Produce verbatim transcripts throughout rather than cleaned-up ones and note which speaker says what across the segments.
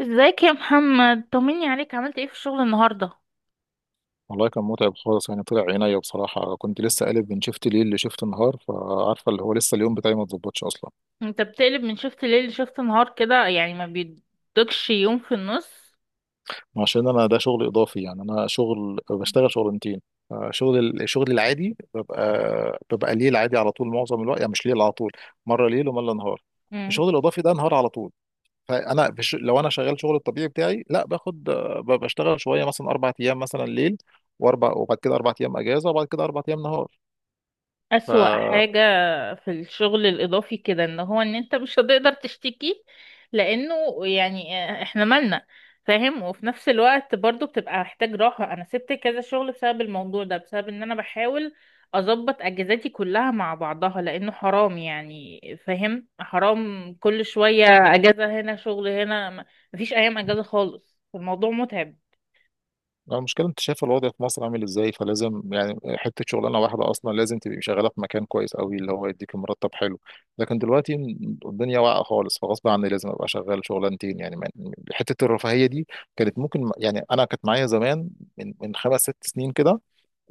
Speaker 1: ازيك يا محمد؟ طمني عليك، عملت ايه في الشغل النهارده؟
Speaker 2: والله كان متعب خالص يعني طلع عينيا بصراحة. كنت لسه قالب من شفت ليل لشفت نهار، فعارفة اللي هو لسه اليوم بتاعي ما اتظبطش أصلا.
Speaker 1: انت بتقلب من شفت ليل لشفت نهار كده يعني ما بيدكش يوم في النص؟
Speaker 2: عشان أنا ده شغل إضافي، يعني أنا شغل بشتغل شغلانتين. آه، شغل ال- شغلي العادي ببقى ببقى ليل عادي على طول معظم الوقت، يعني مش ليل على طول، مرة ليل ومرة نهار.
Speaker 1: مم.
Speaker 2: الشغل الإضافي ده نهار على طول. فأنا بش... لو أنا شغال شغل الطبيعي بتاعي، لا باخد آه، ب- بشتغل شوية مثلا أربع أيام مثلا ليل، وأربع وبعد كده أربع أيام أجازة، وبعد كده أربع أيام
Speaker 1: أسوأ
Speaker 2: نهار.
Speaker 1: حاجة في الشغل الإضافي كده إن هو إن أنت مش هتقدر تشتكي، لأنه يعني إحنا مالنا، فاهم؟ وفي نفس الوقت برضو بتبقى محتاج راحة. أنا سبت كذا شغل بسبب الموضوع ده، بسبب إن أنا بحاول أظبط أجازاتي كلها مع بعضها، لأنه حرام يعني. فاهم؟ حرام كل شوية أجازة هنا شغل هنا م- مفيش أيام أجازة خالص، الموضوع متعب.
Speaker 2: لا، المشكلة انت شايف الوضع في مصر عامل ازاي، فلازم يعني حتة شغلانة واحدة اصلا لازم تبقي شغالة في مكان كويس قوي اللي هو يديك مرتب حلو. لكن دلوقتي الدنيا واقعة خالص، فغصب عني لازم ابقى شغال شغلانتين. يعني من- حتة الرفاهية دي كانت ممكن، يعني انا كانت معايا زمان، من من خمس ست سنين كده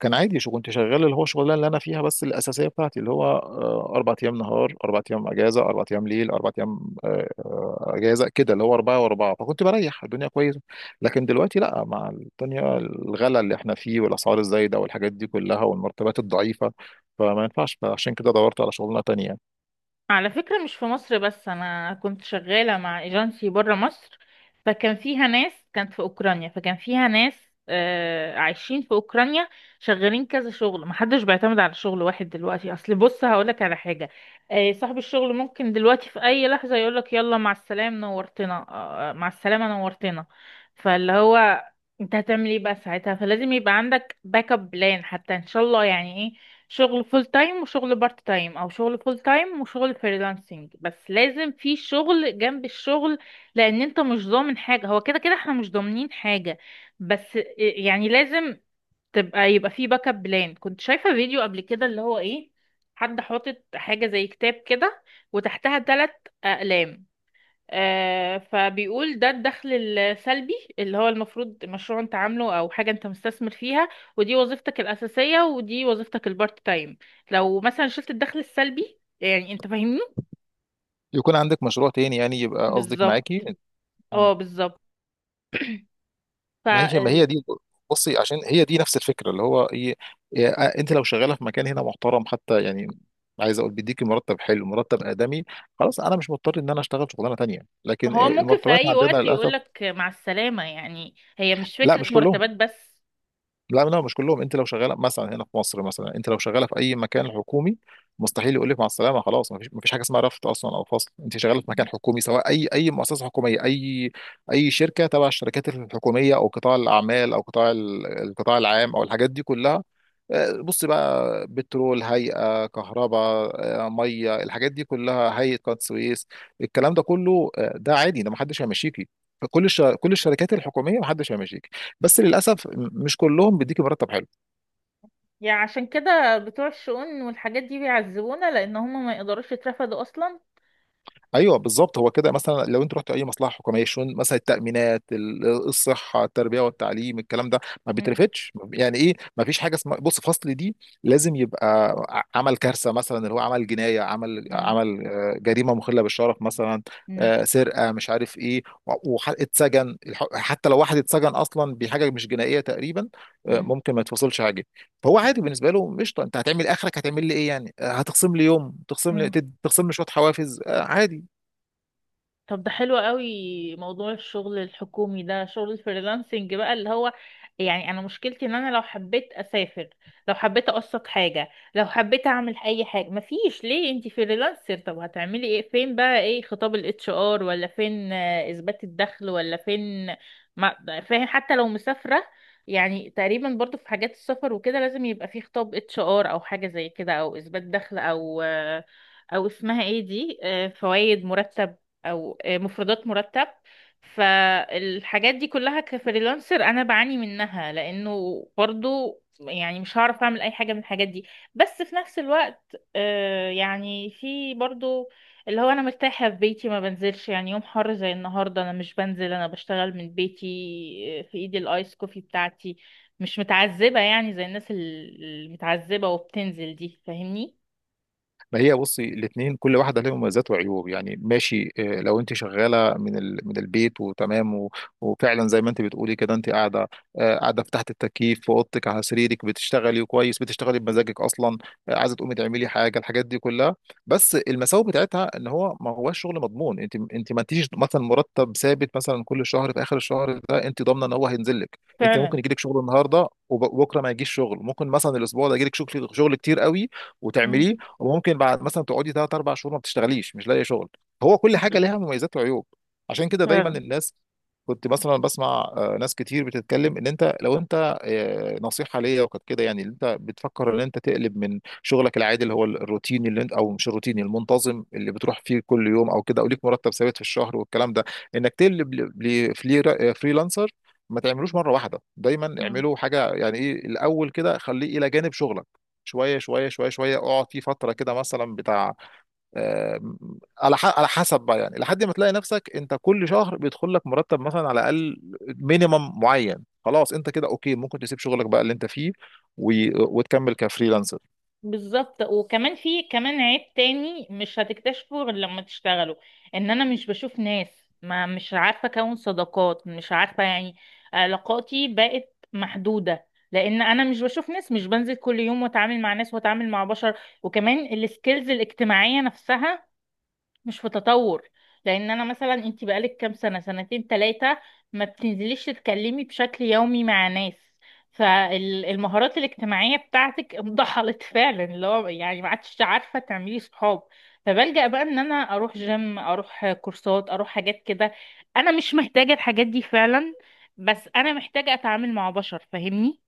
Speaker 2: كان عادي. شو كنت شغال اللي هو شغلانه اللي انا فيها بس الاساسيه بتاعتي، اللي هو آه، اربع ايام نهار اربع ايام اجازه اربع ايام ليل اربع ايام آه، آه، اجازه، كده اللي هو اربعه واربعه، فكنت بريح الدنيا كويسه. لكن دلوقتي لا، مع الدنيا الغلا اللي احنا فيه والاسعار الزايده والحاجات دي كلها والمرتبات الضعيفه، فما ينفعش. فعشان كده دورت على شغلانه تانية.
Speaker 1: على فكرة مش في مصر بس، أنا كنت شغالة مع ايجنسي برا مصر، فكان فيها ناس كانت في أوكرانيا، فكان فيها ناس آه عايشين في أوكرانيا شغالين كذا شغل. محدش بيعتمد على شغل واحد دلوقتي. أصل بص هقولك على حاجة، آه، صاحب الشغل ممكن دلوقتي في أي لحظة يقولك يلا مع السلام نورتنا. آه آه، مع السلامة نورتنا. فاللي هو انت هتعمل ايه بقى ساعتها؟ فلازم يبقى عندك باك اب بلان، حتى ان شاء الله يعني إيه، شغل فول تايم وشغل بارت تايم، او شغل فول تايم وشغل فريلانسنج، بس لازم في شغل جنب الشغل. لان انت مش ضامن حاجة، هو كده كده احنا مش ضامنين حاجة، بس يعني لازم تبقى يبقى في باك اب بلان. كنت شايفة فيديو قبل كده اللي هو ايه، حد حاطط حاجة زي كتاب كده وتحتها ثلاث اقلام. آه، فبيقول ده الدخل السلبي، اللي هو المفروض مشروع انت عامله او حاجة انت مستثمر فيها، ودي وظيفتك الأساسية، ودي وظيفتك البارت تايم. لو مثلا شلت الدخل السلبي، يعني انت فاهمني؟
Speaker 2: يكون عندك مشروع تاني يعني، يبقى قصدك
Speaker 1: بالظبط.
Speaker 2: معاكي؟
Speaker 1: اه بالظبط.
Speaker 2: ما هي ما
Speaker 1: فهو
Speaker 2: هي دي، بصي، عشان هي دي نفس الفكره اللي هو ايه. إيه، آه، انت لو شغاله في مكان هنا محترم حتى، يعني عايز اقول بيديكي مرتب حلو، مرتب ادمي، خلاص انا مش مضطر ان انا اشتغل شغلانه تانيه. لكن آه،
Speaker 1: ممكن في
Speaker 2: المرتبات
Speaker 1: اي
Speaker 2: عندنا
Speaker 1: وقت
Speaker 2: للاسف.
Speaker 1: يقولك مع السلامة، يعني هي مش
Speaker 2: لا
Speaker 1: فكرة
Speaker 2: مش كلهم.
Speaker 1: مرتبات بس.
Speaker 2: لا لا مش كلهم. انت لو شغاله مثلا هنا في مصر، مثلا انت لو شغاله في اي مكان حكومي مستحيل يقول لك مع السلامه، خلاص. ما فيش ما فيش حاجه اسمها رفض اصلا او فصل. انت شغاله في مكان حكومي، سواء اي اي مؤسسه حكوميه، اي اي شركه تبع الشركات الحكوميه، او قطاع الاعمال، او قطاع ال- القطاع العام، او الحاجات دي كلها. آه، بص بقى، بترول، هيئه كهرباء، آه، ميه، الحاجات دي كلها، هيئه قناه السويس، الكلام ده كله، آه، ده عادي، ده ما حدش هيمشيكي. كل الش... كل الشركات الحكوميه ما حدش هيمشيكي. بس للاسف مش كلهم بيديكي مرتب حلو.
Speaker 1: يعني عشان كده بتوع الشؤون والحاجات دي بيعذبونا، لان هم ما يقدروش يترفدوا اصلا.
Speaker 2: ايوه بالظبط. هو كده مثلا، لو انت رحت اي مصلحه حكوميه، شون مثلا، التامينات، ال- الصحه، التربيه والتعليم، الكلام ده ما
Speaker 1: مم.
Speaker 2: بيترفتش. يعني ايه، ما فيش حاجه اسمها بص فصل دي. لازم يبقى ع- عمل كارثه، مثلا اللي هو عمل جنايه، عمل
Speaker 1: مم.
Speaker 2: عمل آه، جريمه مخله بالشرف مثلا،
Speaker 1: مم.
Speaker 2: آه، سرقه، مش عارف ايه، و- وح- اتسجن. الح- حتى لو واحد اتسجن اصلا بحاجه مش جنائيه تقريبا، آه، ممكن ما يتفصلش حاجه. فهو عادي بالنسبه له، قشطه، انت هتعمل اخرك هتعمل لي ايه يعني؟ آه، هتخصم لي يوم، تخصم لي
Speaker 1: مم.
Speaker 2: تد- تخصم لي شويه حوافز، آه، عادي.
Speaker 1: طب ده حلو قوي موضوع الشغل الحكومي ده. شغل الفريلانسنج بقى اللي هو يعني انا مشكلتي ان انا لو حبيت اسافر، لو حبيت اقسط حاجة، لو حبيت اعمل اي حاجة، مفيش. ليه؟ انتي فريلانسر، طب هتعملي ايه؟ فين بقى ايه خطاب الاتش ار؟ ولا فين آه، اثبات الدخل؟ ولا فين؟ ما فاهم. حتى لو مسافرة، يعني تقريبا برضو في حاجات السفر وكده لازم يبقى في خطاب اتش ار او حاجة زي كده، او اثبات دخل، او آه، او اسمها ايه دي، فوائد مرتب، او مفردات مرتب. فالحاجات دي كلها كفريلانسر انا بعاني منها، لانه برضو يعني مش هعرف اعمل اي حاجة من الحاجات دي. بس في نفس الوقت آه، يعني في برضو اللي هو انا مرتاحة في بيتي، ما بنزلش يعني. يوم حر زي النهاردة انا مش بنزل، انا بشتغل من بيتي، آه، في ايدي الايس كوفي بتاعتي، مش متعذبة يعني زي الناس ال- المتعذبة وبتنزل دي. فاهمني؟
Speaker 2: ما هي بصي الاثنين كل واحده لها مميزات وعيوب، يعني ماشي. آه، لو انت شغاله من ال... من البيت وتمام و... وفعلا زي ما انت بتقولي كده، انت قاعده آه، قاعده في تحت التكييف في اوضتك على سريرك، بتشتغلي كويس، بتشتغلي بمزاجك اصلا، آه، عايزه تقومي تعملي حاجه، الحاجات دي كلها. بس المساوئ بتاعتها ان هو ما هوش شغل مضمون. انت انت ما انتيش مثلا مرتب ثابت مثلا كل شهر في اخر الشهر ده انت ضامنه ان هو هينزل لك. انت ممكن
Speaker 1: فعلا.
Speaker 2: يجيلك شغل النهارده وبكره ما يجيش شغل، ممكن مثلا الاسبوع ده يجيلك شغل شغل كتير قوي
Speaker 1: مم.
Speaker 2: وتعمليه، وممكن بعد مثلا تقعدي ثلاث اربع شهور ما بتشتغليش، مش لاقي شغل. هو كل حاجه
Speaker 1: فعلا.
Speaker 2: لها مميزات وعيوب. عشان كده دايما الناس، كنت مثلا بسمع آه، ناس كتير بتتكلم، ان انت لو انت آه، نصيحه ليا وكانت كده، يعني إن انت بتفكر ان انت تقلب من شغلك العادي اللي هو الروتيني اللي انت، او مش الروتيني، المنتظم اللي بتروح فيه كل يوم او كده، او ليك مرتب ثابت في الشهر والكلام ده، انك تقلب لفريلانسر، ما تعملوش مره واحده. دايما
Speaker 1: فعلا.
Speaker 2: اعملوا حاجه، يعني ايه، الاول كده خليه الى جانب شغلك، شويه شويه شويه شويه، اقعد فيه فتره كده، مثلا بتاع آم، على ح- على حسب بقى، يعني لحد ما تلاقي نفسك انت كل شهر بيدخل لك مرتب مثلا على الاقل مينيمم معين، خلاص انت كده اوكي، ممكن تسيب شغلك بقى اللي انت فيه و- وتكمل كفريلانسر.
Speaker 1: بالظبط. وكمان في كمان عيب تاني مش هتكتشفه غير لما تشتغلوا، ان انا مش بشوف ناس، ما مش عارفه اكون صداقات، مش عارفه يعني، علاقاتي بقت محدوده لان انا مش بشوف ناس، مش بنزل كل يوم واتعامل مع ناس واتعامل مع بشر. وكمان السكيلز الاجتماعيه نفسها مش في تطور، لان انا مثلا انت بقالك كام سنه، سنتين ثلاثه ما بتنزليش تتكلمي بشكل يومي مع ناس، فالمهارات الاجتماعيه بتاعتك انضحلت. فعلا اللي هو يعني ما عادش عارفه تعملي صحاب، فبلجأ بقى ان انا اروح جيم، اروح كورسات، اروح حاجات كده. انا مش محتاجه الحاجات دي فعلا، بس انا محتاجه اتعامل مع بشر. فاهمني؟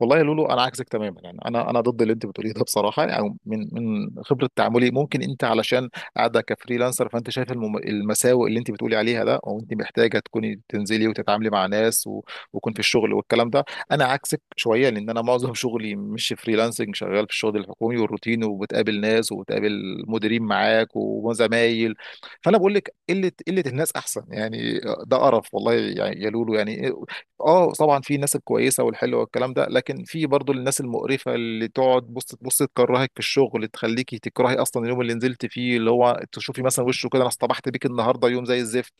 Speaker 2: والله يا لولو انا عكسك تماما يعني. انا انا ضد اللي انت بتقوليه ده بصراحه، او يعني من من خبره تعاملي. ممكن انت علشان قاعده كفريلانسر، فانت شايف المم- المساوئ اللي انت بتقولي عليها ده، او انت محتاجه تكوني تنزلي وتتعاملي مع ناس و... ويكون في الشغل والكلام ده. انا عكسك شويه، لان انا معظم شغلي مش فريلانسنج، شغال في الشغل الحكومي والروتين، وبتقابل ناس وبتقابل مديرين معاك وزمايل. فانا بقول لك قله، قله الناس احسن يعني. ده قرف والله يعني يا لولو يعني. اه طبعا في الناس الكويسه والحلوه والكلام ده، لكن في برضو الناس المقرفه اللي تقعد بص تبص تكرهك في الشغل، تخليكي تكرهي اصلا اليوم اللي نزلت فيه، اللي هو تشوفي مثلا وشه كده، انا اصطبحت بيك النهارده يوم زي الزفت.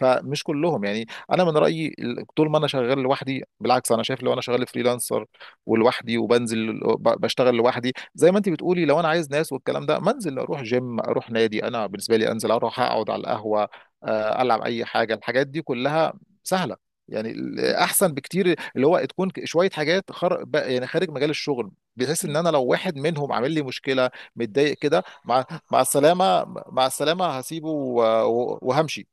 Speaker 2: فمش كلهم يعني. انا من رايي ال- طول ما انا شغال لوحدي بالعكس، انا شايف لو انا شغال فريلانسر ولوحدي وبنزل ب- بشتغل لوحدي، زي ما انت بتقولي لو انا عايز ناس والكلام ده، منزل اروح جيم، اروح نادي. انا بالنسبه لي انزل اروح اقعد على القهوه، آه، العب اي حاجه، الحاجات دي كلها سهله يعني. ال- احسن بكتير اللي هو تكون ك- شويه حاجات خر... ب- يعني خارج مجال الشغل، بحيث
Speaker 1: مم.
Speaker 2: ان انا لو واحد منهم عامل لي مشكله، متضايق كده، مع مع السلامه، مع السلامه، هسيبه و- و- وهمشي.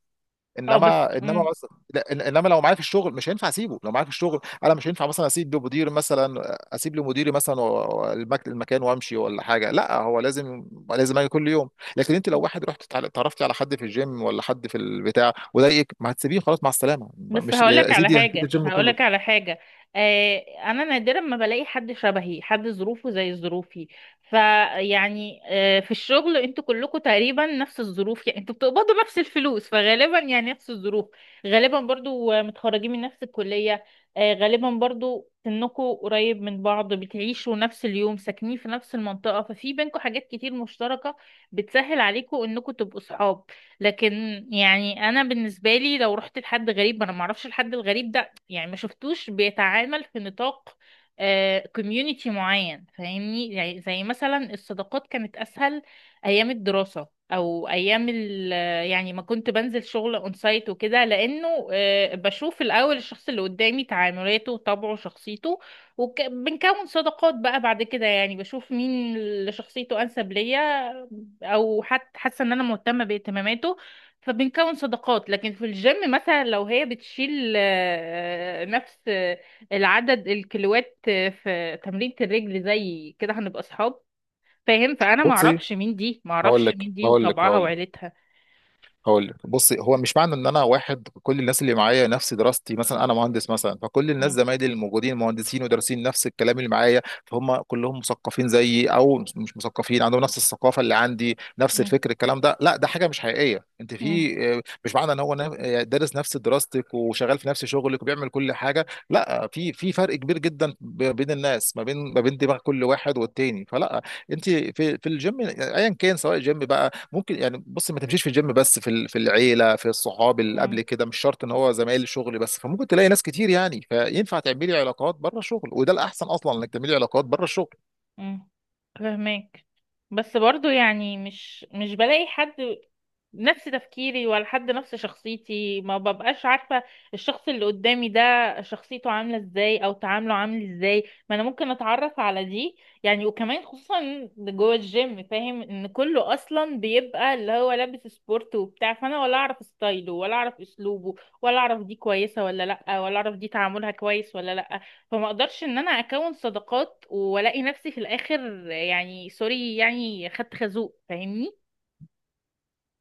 Speaker 1: اه بس
Speaker 2: انما انما
Speaker 1: مم.
Speaker 2: مثلا لا، إن- انما لو معايا في الشغل مش هينفع اسيبه. لو معايا في الشغل انا مش هينفع مثلا اسيب لمدير، مثلا اسيب لمديري مثلا و- و- المك- المكان وامشي ولا حاجه، لا هو لازم، لازم اجي كل يوم. لكن انت لو واحد رحت تع- اتعرفت على حد في الجيم ولا حد في البتاع وضايقك، ما هتسيبيه؟ خلاص مع السلامه،
Speaker 1: بس
Speaker 2: مش
Speaker 1: هقولك
Speaker 2: يا
Speaker 1: على
Speaker 2: سيدي؟
Speaker 1: حاجة، هقولك على حاجة، آه، أنا نادرا ما بلاقي حد شبهي، حد ظروفه زي ظروفي. فيعني آه في الشغل انتوا كلكم تقريبا نفس الظروف، يعني انتوا بتقبضوا نفس الفلوس فغالبا يعني نفس الظروف. غالبا برضو آه، متخرجين من نفس الكلية، آه غالبا برضو سنكم قريب من بعض، بتعيشوا نفس اليوم، ساكنين في نفس المنطقة، ففي بينكم حاجات كتير مشتركة بتسهل عليكم انكم تبقوا صحاب. لكن يعني انا بالنسبه لي لو رحت لحد غريب، انا ما اعرفش الحد الغريب ده، يعني ما شفتوش بيتعامل في نطاق كوميونيتي معين. فاهمني؟ يعني زي مثلا الصداقات كانت اسهل ايام الدراسه او ايام ال، يعني ما كنت بنزل شغل اون سايت وكده، لانه آه، بشوف الاول الشخص اللي قدامي تعاملاته، طبعه، شخصيته، وبنكون صداقات بقى بعد كده. يعني بشوف مين اللي شخصيته انسب ليا، او حتى حاسه ان انا مهتمه باهتماماته، فبنكون صداقات. لكن في الجيم مثلا لو هي بتشيل آه، نفس آه، العدد الكيلوات آه، في تمرينة الرجل زي كده هنبقى اصحاب. فاهم؟ فانا ما
Speaker 2: بصي،
Speaker 1: اعرفش مين دي، ما
Speaker 2: هقول
Speaker 1: اعرفش
Speaker 2: لك
Speaker 1: مين دي
Speaker 2: هقول لك
Speaker 1: وطبعها
Speaker 2: هقول لك
Speaker 1: وعيلتها.
Speaker 2: هقول لك بص، هو مش معنى ان انا واحد كل الناس اللي معايا نفس دراستي، مثلا انا مهندس مثلا فكل الناس
Speaker 1: مم.
Speaker 2: زمايلي الموجودين مهندسين ودارسين نفس الكلام اللي معايا، فهم كلهم مثقفين زيي، او مش مثقفين عندهم نفس الثقافه اللي عندي، نفس الفكر، الكلام ده لا، ده حاجه مش حقيقيه. انت
Speaker 1: مم.
Speaker 2: في آه، مش معنى ان هو نا- آه، دارس نفس دراستك وشغال في نفس شغلك وبيعمل كل حاجه، لا، في في فرق كبير جدا ب- بين الناس، ما بين ما بين دماغ كل واحد والتاني، فلا. انت في في الجيم ايا كان، سواء جيم بقى ممكن يعني، بص ما تمشيش في الجيم بس، في ال- في العيله، في الصحاب اللي قبل
Speaker 1: مم.
Speaker 2: كده، مش شرط ان هو زمايل الشغل بس. فممكن تلاقي ناس كتير يعني، فينفع تعملي علاقات بره الشغل، وده الاحسن اصلا انك تعملي علاقات بره الشغل.
Speaker 1: مم. فهمك. بس برضو يعني مش مش بلاقي حد نفس تفكيري، ولا حد نفس شخصيتي، ما ببقاش عارفة الشخص اللي قدامي ده شخصيته عاملة ازاي، او تعامله عامل ازاي. ما انا ممكن اتعرف على دي يعني. وكمان خصوصا جوه الجيم، فاهم ان كله اصلا بيبقى اللي هو لابس سبورت وبتاع، فانا ولا اعرف ستايله، ولا اعرف اسلوبه، ولا اعرف دي كويسة ولا لا، ولا اعرف دي تعاملها كويس ولا لا، فما اقدرش ان انا اكون صداقات والاقي نفسي في الاخر، يعني سوري يعني خدت خازوق. فاهمني؟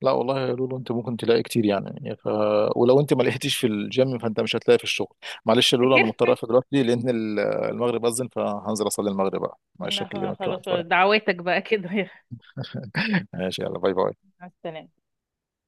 Speaker 2: لا والله يا لولو، انت ممكن تلاقي كتير يعني يعني ف... ولو انت ما لقيتيش في الجيم، فانت مش هتلاقي في الشغل. معلش يا لولو، انا
Speaker 1: افتكر.
Speaker 2: مضطر اقفل دلوقتي لان ال- المغرب اذن، فهنزل اصلي المغرب بقى. معلش
Speaker 1: لا
Speaker 2: اكلمك كمان
Speaker 1: خلاص.
Speaker 2: شويه.
Speaker 1: دعواتك بقى كده.
Speaker 2: ماشي، يلا، باي باي.
Speaker 1: مع السلامة.